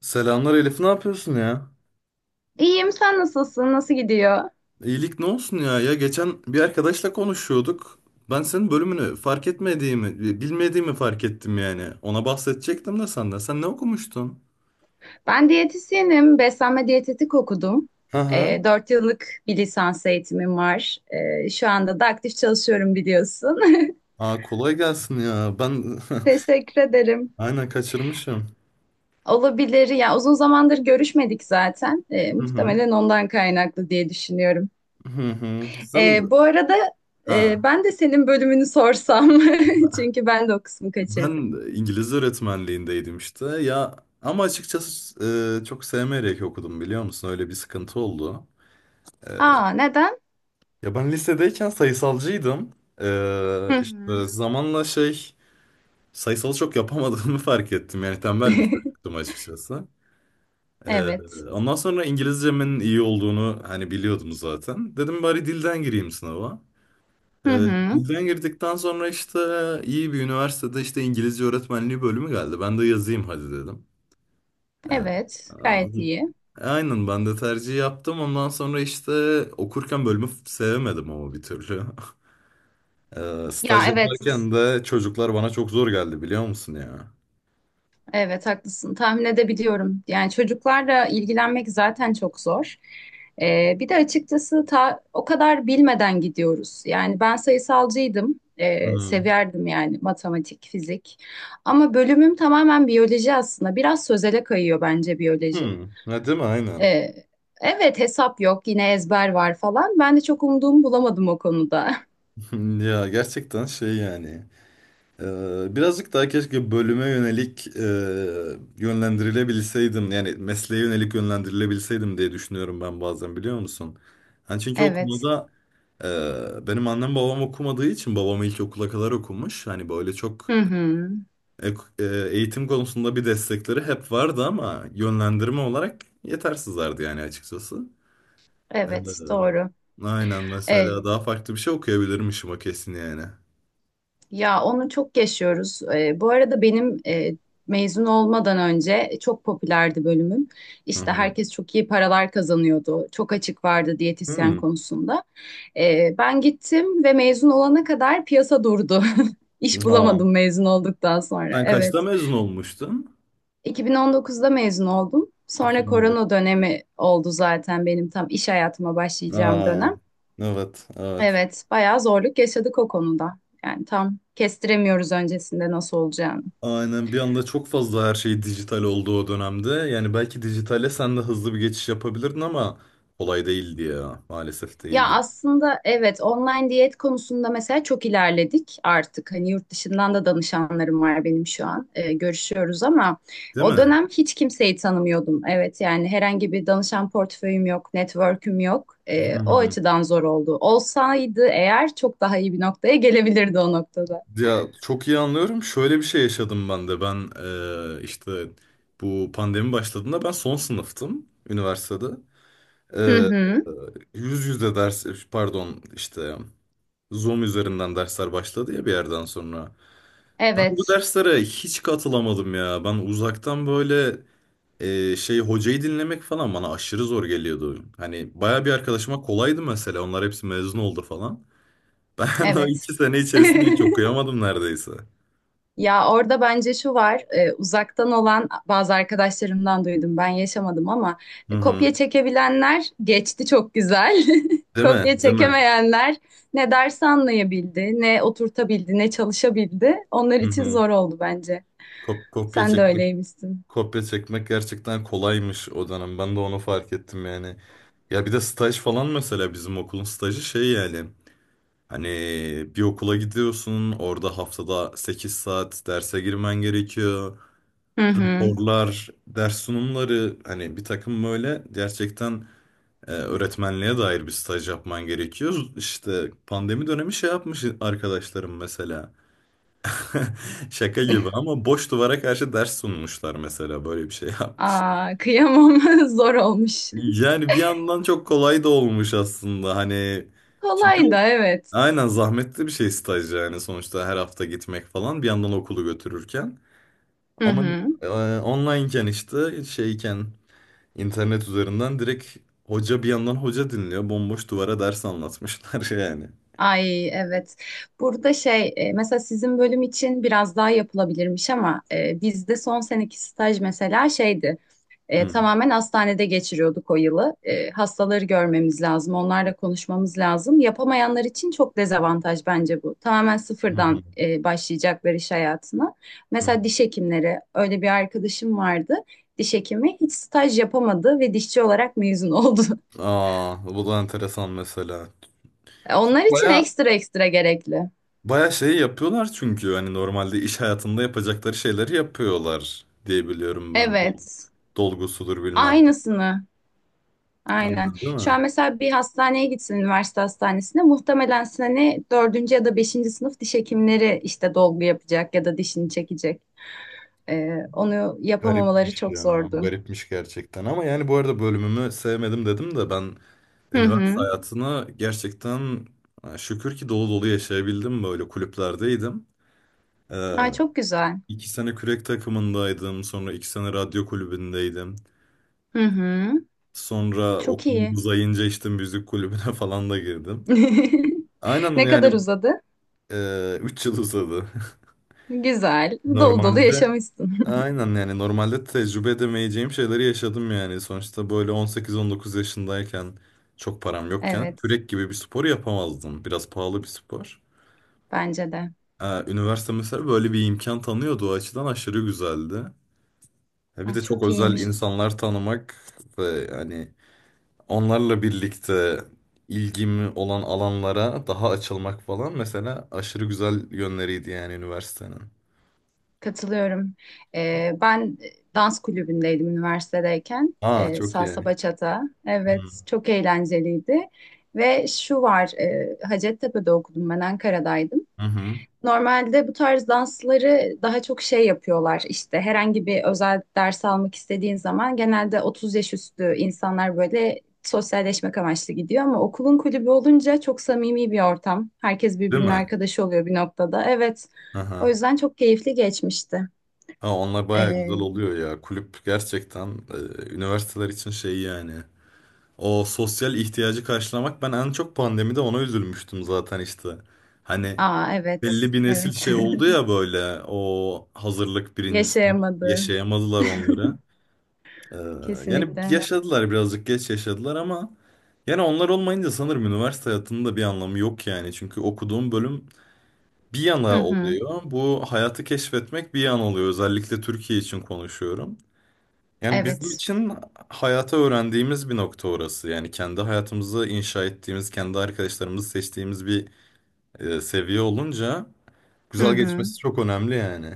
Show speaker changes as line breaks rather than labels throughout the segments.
Selamlar Elif, ne yapıyorsun ya?
İyiyim, sen nasılsın? Nasıl gidiyor?
İyilik ne olsun ya? Ya geçen bir arkadaşla konuşuyorduk. Ben senin bölümünü fark etmediğimi, bilmediğimi fark ettim yani. Ona bahsedecektim de senden. Sen ne okumuştun?
Ben diyetisyenim, beslenme diyetetik okudum.
Hı hı.
4 yıllık bir lisans eğitimim var. Şu anda da aktif çalışıyorum biliyorsun.
Aa, kolay gelsin ya. Ben
Teşekkür ederim.
aynen kaçırmışım.
Olabilir. Ya uzun zamandır görüşmedik zaten.
Hı hı.
Muhtemelen ondan kaynaklı diye düşünüyorum.
Hı hı. Sen
Bu arada
ha
ben de senin bölümünü sorsam. Çünkü ben de o kısmı
ben
kaçırdım.
İngilizce öğretmenliğindeydim işte. Ya ama açıkçası çok sevmeyerek okudum biliyor musun? Öyle bir sıkıntı oldu. E,
Aa, neden?
Ya ben lisedeyken sayısalcıydım.
Hı hı.
İşte zamanla sayısalı çok yapamadığımı fark ettim. Yani tembel bir çocuktum açıkçası. Ee,
Evet.
ondan sonra İngilizcemin iyi olduğunu hani biliyordum zaten. Dedim bari dilden gireyim sınava.
Hı
Ee,
hı.
dilden girdikten sonra işte iyi bir üniversitede işte İngilizce öğretmenliği bölümü geldi. Ben de yazayım hadi dedim. Ee,
Evet, gayet iyi.
Aynen ben de tercih yaptım. Ondan sonra işte okurken bölümü sevemedim ama bir türlü. Staj
Ya evet,
yaparken de çocuklar bana çok zor geldi biliyor musun ya?
evet haklısın. Tahmin edebiliyorum. Yani çocuklarla ilgilenmek zaten çok zor. Bir de açıkçası o kadar bilmeden gidiyoruz. Yani ben sayısalcıydım.
Hı hı.
Severdim yani matematik, fizik. Ama bölümüm tamamen biyoloji aslında. Biraz sözele kayıyor bence biyoloji.
Ha, değil mi? Aynen.
Ee, evet, hesap yok, yine ezber var falan. Ben de çok umduğumu bulamadım o konuda.
Ya gerçekten şey yani. Birazcık daha keşke bölüme yönelik yönlendirilebilseydim. Yani mesleğe yönelik yönlendirilebilseydim diye düşünüyorum ben bazen biliyor musun? Hani çünkü
Evet.
benim annem babam okumadığı için babam ilkokula kadar okumuş. Hani böyle çok
Hı hı.
ek- e, eğitim konusunda bir destekleri hep vardı ama yönlendirme olarak yetersizlerdi yani açıkçası.
Evet,
Ee,
doğru.
aynen mesela
Evet.
daha farklı bir şey okuyabilirmişim, o kesin yani.
Ya onu çok yaşıyoruz. Bu arada benim mezun olmadan önce çok popülerdi bölümüm.
Hı
İşte
hı.
herkes çok iyi paralar kazanıyordu. Çok açık vardı diyetisyen
Hmm.
konusunda. Ben gittim ve mezun olana kadar piyasa durdu. İş
Aa.
bulamadım mezun olduktan sonra.
Sen kaçta
Evet.
mezun olmuştun?
2019'da mezun oldum. Sonra korona
2019.
dönemi oldu zaten benim tam iş hayatıma başlayacağım
Aa,
dönem.
evet, evet.
Evet, bayağı zorluk yaşadık o konuda. Yani tam kestiremiyoruz öncesinde nasıl olacağını.
Aynen, bir anda çok fazla her şey dijital oldu o dönemde. Yani belki dijitale sen de hızlı bir geçiş yapabilirdin ama kolay değildi ya. Maalesef
Ya
değildi.
aslında evet, online diyet konusunda mesela çok ilerledik artık. Hani yurt dışından da danışanlarım var benim şu an. Görüşüyoruz ama
Değil
o
mi?
dönem hiç kimseyi tanımıyordum. Evet, yani herhangi bir danışan portföyüm yok, network'üm yok. O açıdan zor oldu. Olsaydı eğer çok daha iyi bir noktaya gelebilirdi o noktada.
Ya çok iyi anlıyorum. Şöyle bir şey yaşadım ben de. Ben işte bu pandemi başladığında ben son sınıftım üniversitede.
Hı
Eee,
hı.
yüz yüze ders, pardon, işte Zoom üzerinden dersler başladı ya bir yerden sonra. Ben bu
Evet.
derslere hiç katılamadım ya. Ben uzaktan böyle hocayı dinlemek falan bana aşırı zor geliyordu. Hani baya bir arkadaşıma kolaydı mesela. Onlar hepsi mezun oldu falan. Ben o
Evet.
iki sene içerisinde hiç okuyamadım neredeyse.
Ya orada bence şu var, uzaktan olan bazı arkadaşlarımdan duydum, ben yaşamadım ama
Hı hı.
kopya çekebilenler geçti çok güzel.
Değil mi?
Kopya
Değil mi?
çekemeyenler ne dersi anlayabildi, ne oturtabildi, ne çalışabildi. Onlar
Hı
için
hı.
zor oldu bence.
Kop- kopya
Sen de
çekmek
öyleymişsin.
kopya çekmek gerçekten kolaymış o dönem. Ben de onu fark ettim yani. Ya bir de staj falan mesela, bizim okulun stajı şey yani. Hani bir okula gidiyorsun, orada haftada 8 saat derse girmen gerekiyor.
Hı hı.
Raporlar, ders sunumları, hani bir takım böyle gerçekten öğretmenliğe dair bir staj yapman gerekiyor. İşte pandemi dönemi şey yapmış arkadaşlarım mesela. Şaka gibi ama boş duvara karşı ders sunmuşlar mesela, böyle bir şey yapmış.
Aa, kıyamam, zor olmuş.
Yani bir yandan çok kolay da olmuş aslında hani, çünkü
Kolay da evet.
aynen zahmetli bir şey staj yani, sonuçta her hafta gitmek falan bir yandan okulu götürürken
Hı
ama
hı.
e, onlineken işte şeyken internet üzerinden direkt hoca bir yandan hoca dinliyor, bomboş duvara ders anlatmışlar yani.
Ay evet. Burada şey mesela sizin bölüm için biraz daha yapılabilirmiş ama bizde son seneki staj mesela şeydi.
Hı.
Tamamen hastanede geçiriyorduk o yılı. E, hastaları görmemiz lazım, onlarla konuşmamız lazım. Yapamayanlar için çok dezavantaj bence bu. Tamamen
Hı hı.
sıfırdan başlayacaklar iş hayatına.
Hı.
Mesela diş hekimleri, öyle bir arkadaşım vardı. Diş hekimi hiç staj yapamadı ve dişçi olarak mezun oldu.
Aa, bu da enteresan mesela. Çünkü
Onlar için
bayağı
ekstra ekstra gerekli.
Bayağı şey yapıyorlar, çünkü hani normalde iş hayatında yapacakları şeyleri yapıyorlar diye biliyorum ben. Dol-
Evet.
Dolgusudur bilmem.
Aynısını. Aynen.
Aynen, değil
Şu
mi?
an mesela bir hastaneye gitsin, üniversite hastanesine, muhtemelen sene dördüncü ya da beşinci sınıf diş hekimleri işte dolgu yapacak ya da dişini çekecek. Onu yapamamaları
Garipmiş
çok
ya.
zordu.
Garipmiş gerçekten. Ama yani bu arada bölümümü sevmedim dedim de, ben
Hı hı.
üniversite hayatını gerçekten şükür ki dolu dolu yaşayabildim. Böyle kulüplerdeydim. Ee,
Ay çok güzel.
2 sene kürek takımındaydım. Sonra 2 sene radyo kulübündeydim.
Hı hı.
Sonra
Çok
okulum
iyi.
uzayınca işte müzik kulübüne falan da girdim. Aynen
Ne kadar
yani.
uzadı?
3 yıl uzadı.
Güzel. Dolu dolu
Normalde,
yaşamışsın.
aynen yani, normalde tecrübe edemeyeceğim şeyleri yaşadım yani. Sonuçta böyle 18-19 yaşındayken çok param yokken
Evet.
kürek gibi bir spor yapamazdım. Biraz pahalı bir spor.
Bence de.
Üniversite mesela böyle bir imkan tanıyordu. O açıdan aşırı güzeldi. Bir
Ay
de çok
çok
özel
iyiymiş.
insanlar tanımak ve hani onlarla birlikte ilgimi olan alanlara daha açılmak falan mesela aşırı güzel yönleriydi yani üniversitenin.
Katılıyorum. Ben dans kulübündeydim üniversitedeyken.
Aa, çok
Salsa
iyi.
bachata.
Hı
Evet, çok eğlenceliydi. Ve şu var, Hacettepe'de okudum ben, Ankara'daydım.
hı.
Normalde bu tarz dansları daha çok şey yapıyorlar, işte herhangi bir özel ders almak istediğin zaman genelde 30 yaş üstü insanlar böyle sosyalleşmek amaçlı gidiyor, ama okulun kulübü olunca çok samimi bir ortam. Herkes
Değil
birbirinin
mi?
arkadaşı oluyor bir noktada. Evet. O
Aha.
yüzden çok keyifli geçmişti.
Ha, onlar bayağı güzel
Ee,
oluyor ya. Kulüp gerçekten üniversiteler için şey yani. O sosyal ihtiyacı karşılamak, ben en çok pandemide ona üzülmüştüm zaten işte. Hani
Aa
belli
evet.
bir nesil
Evet.
şey oldu ya böyle, o hazırlık, birinci sınıf
Yaşayamadı.
yaşayamadılar onları. Ee, yani
Kesinlikle.
yaşadılar, birazcık geç yaşadılar ama yani onlar olmayınca sanırım üniversite hayatının da bir anlamı yok yani. Çünkü okuduğum bölüm bir
Hı
yana
hı.
oluyor. Bu hayatı keşfetmek bir yana oluyor. Özellikle Türkiye için konuşuyorum. Yani bizim
Evet.
için hayata öğrendiğimiz bir nokta orası. Yani kendi hayatımızı inşa ettiğimiz, kendi arkadaşlarımızı seçtiğimiz bir seviye olunca
Hı
güzel
hı.
geçmesi çok önemli yani.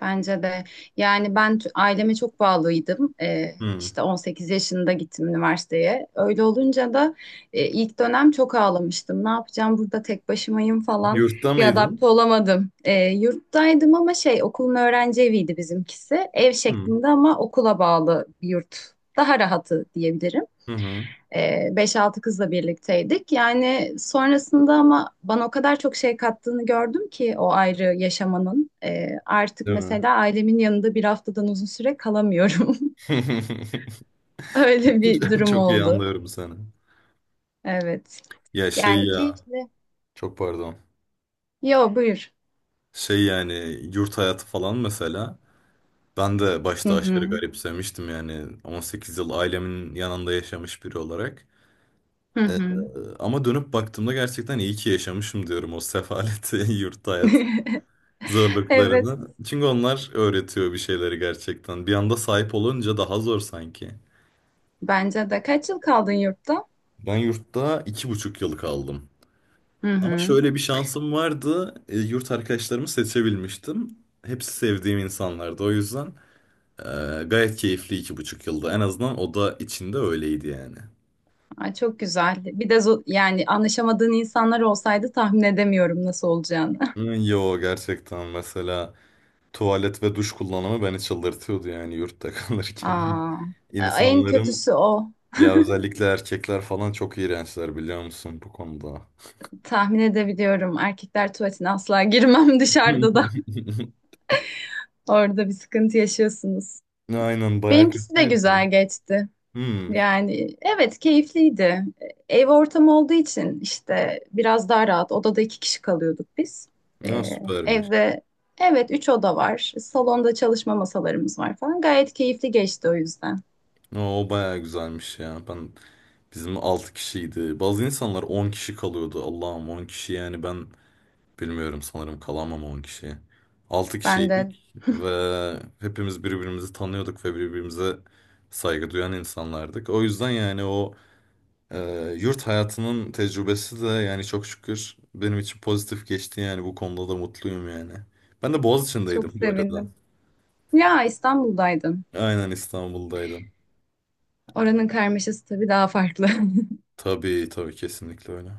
Bence de. Yani ben aileme çok bağlıydım.
Hmm.
İşte 18 yaşında gittim üniversiteye. Öyle olunca da ilk dönem çok ağlamıştım. Ne yapacağım burada, tek başımayım falan.
Yurtta
Bir adapte
mıydın?
olamadım. Yurttaydım ama şey, okulun öğrenci eviydi bizimkisi. Ev
Hmm.
şeklinde ama okula bağlı bir yurt. Daha rahatı diyebilirim.
Hı hı.
Beş altı kızla birlikteydik. Yani sonrasında ama bana o kadar çok şey kattığını gördüm ki o ayrı yaşamanın. Artık
Değil mi?
mesela ailemin yanında bir haftadan uzun süre kalamıyorum. Öyle bir durum
Çok iyi
oldu.
anlıyorum seni.
Evet.
Ya şey
Yani
ya,
keyifli.
çok pardon.
Yo, buyur.
Şey yani, yurt hayatı falan mesela. Ben de
Hı
başta aşırı
hı.
garipsemiştim yani, 18 yıl ailemin yanında yaşamış biri olarak.
Hı
Ee,
hı.
Ama dönüp baktığımda gerçekten iyi ki yaşamışım diyorum o sefaleti, yurt hayat
Evet.
zorluklarını. Çünkü onlar öğretiyor bir şeyleri gerçekten. Bir anda sahip olunca daha zor sanki.
Bence de. Kaç yıl kaldın yurtta?
Ben yurtta 2,5 yıl kaldım.
Hı
Ama
hı.
şöyle bir şansım vardı. Yurt arkadaşlarımı seçebilmiştim. Hepsi sevdiğim insanlardı. O yüzden e, gayet keyifli 2,5 yılda. En azından oda içinde öyleydi yani.
Ay, çok güzel. Bir de yani anlaşamadığın insanlar olsaydı tahmin edemiyorum nasıl olacağını.
Hı. Yo, gerçekten mesela tuvalet ve duş kullanımı beni çıldırtıyordu yani yurtta kalırken.
Aa, en
İnsanların,
kötüsü o.
ya özellikle erkekler falan çok iğrençler biliyor musun bu konuda.
Tahmin edebiliyorum. Erkekler tuvaletine asla girmem dışarıda da. Orada bir sıkıntı yaşıyorsunuz.
Aynen, bayağı
Benimkisi de
kötüydü.
güzel geçti.
Hmm.
Yani evet, keyifliydi. Ev ortamı olduğu için işte biraz daha rahat. Odada iki kişi kalıyorduk biz.
Ya
Ee,
süpermiş.
Evde evet, üç oda var. Salonda çalışma masalarımız var falan. Gayet keyifli geçti o yüzden.
O bayağı güzelmiş ya. Bizim 6 kişiydi. Bazı insanlar 10 kişi kalıyordu. Allah'ım, 10 kişi yani ben bilmiyorum, sanırım kalamam 10 kişi. 6
Ben de
kişiydik ve hepimiz birbirimizi tanıyorduk ve birbirimize saygı duyan insanlardık. O yüzden yani yurt hayatının tecrübesi de yani, çok şükür benim için pozitif geçti yani, bu konuda da mutluyum yani. Ben de Boğaziçi'ndeydim
çok
bu arada.
sevindim. Ya, İstanbul'daydın.
Aynen, İstanbul'daydım.
Oranın karmaşası tabii daha farklı.
Tabii tabii, kesinlikle öyle.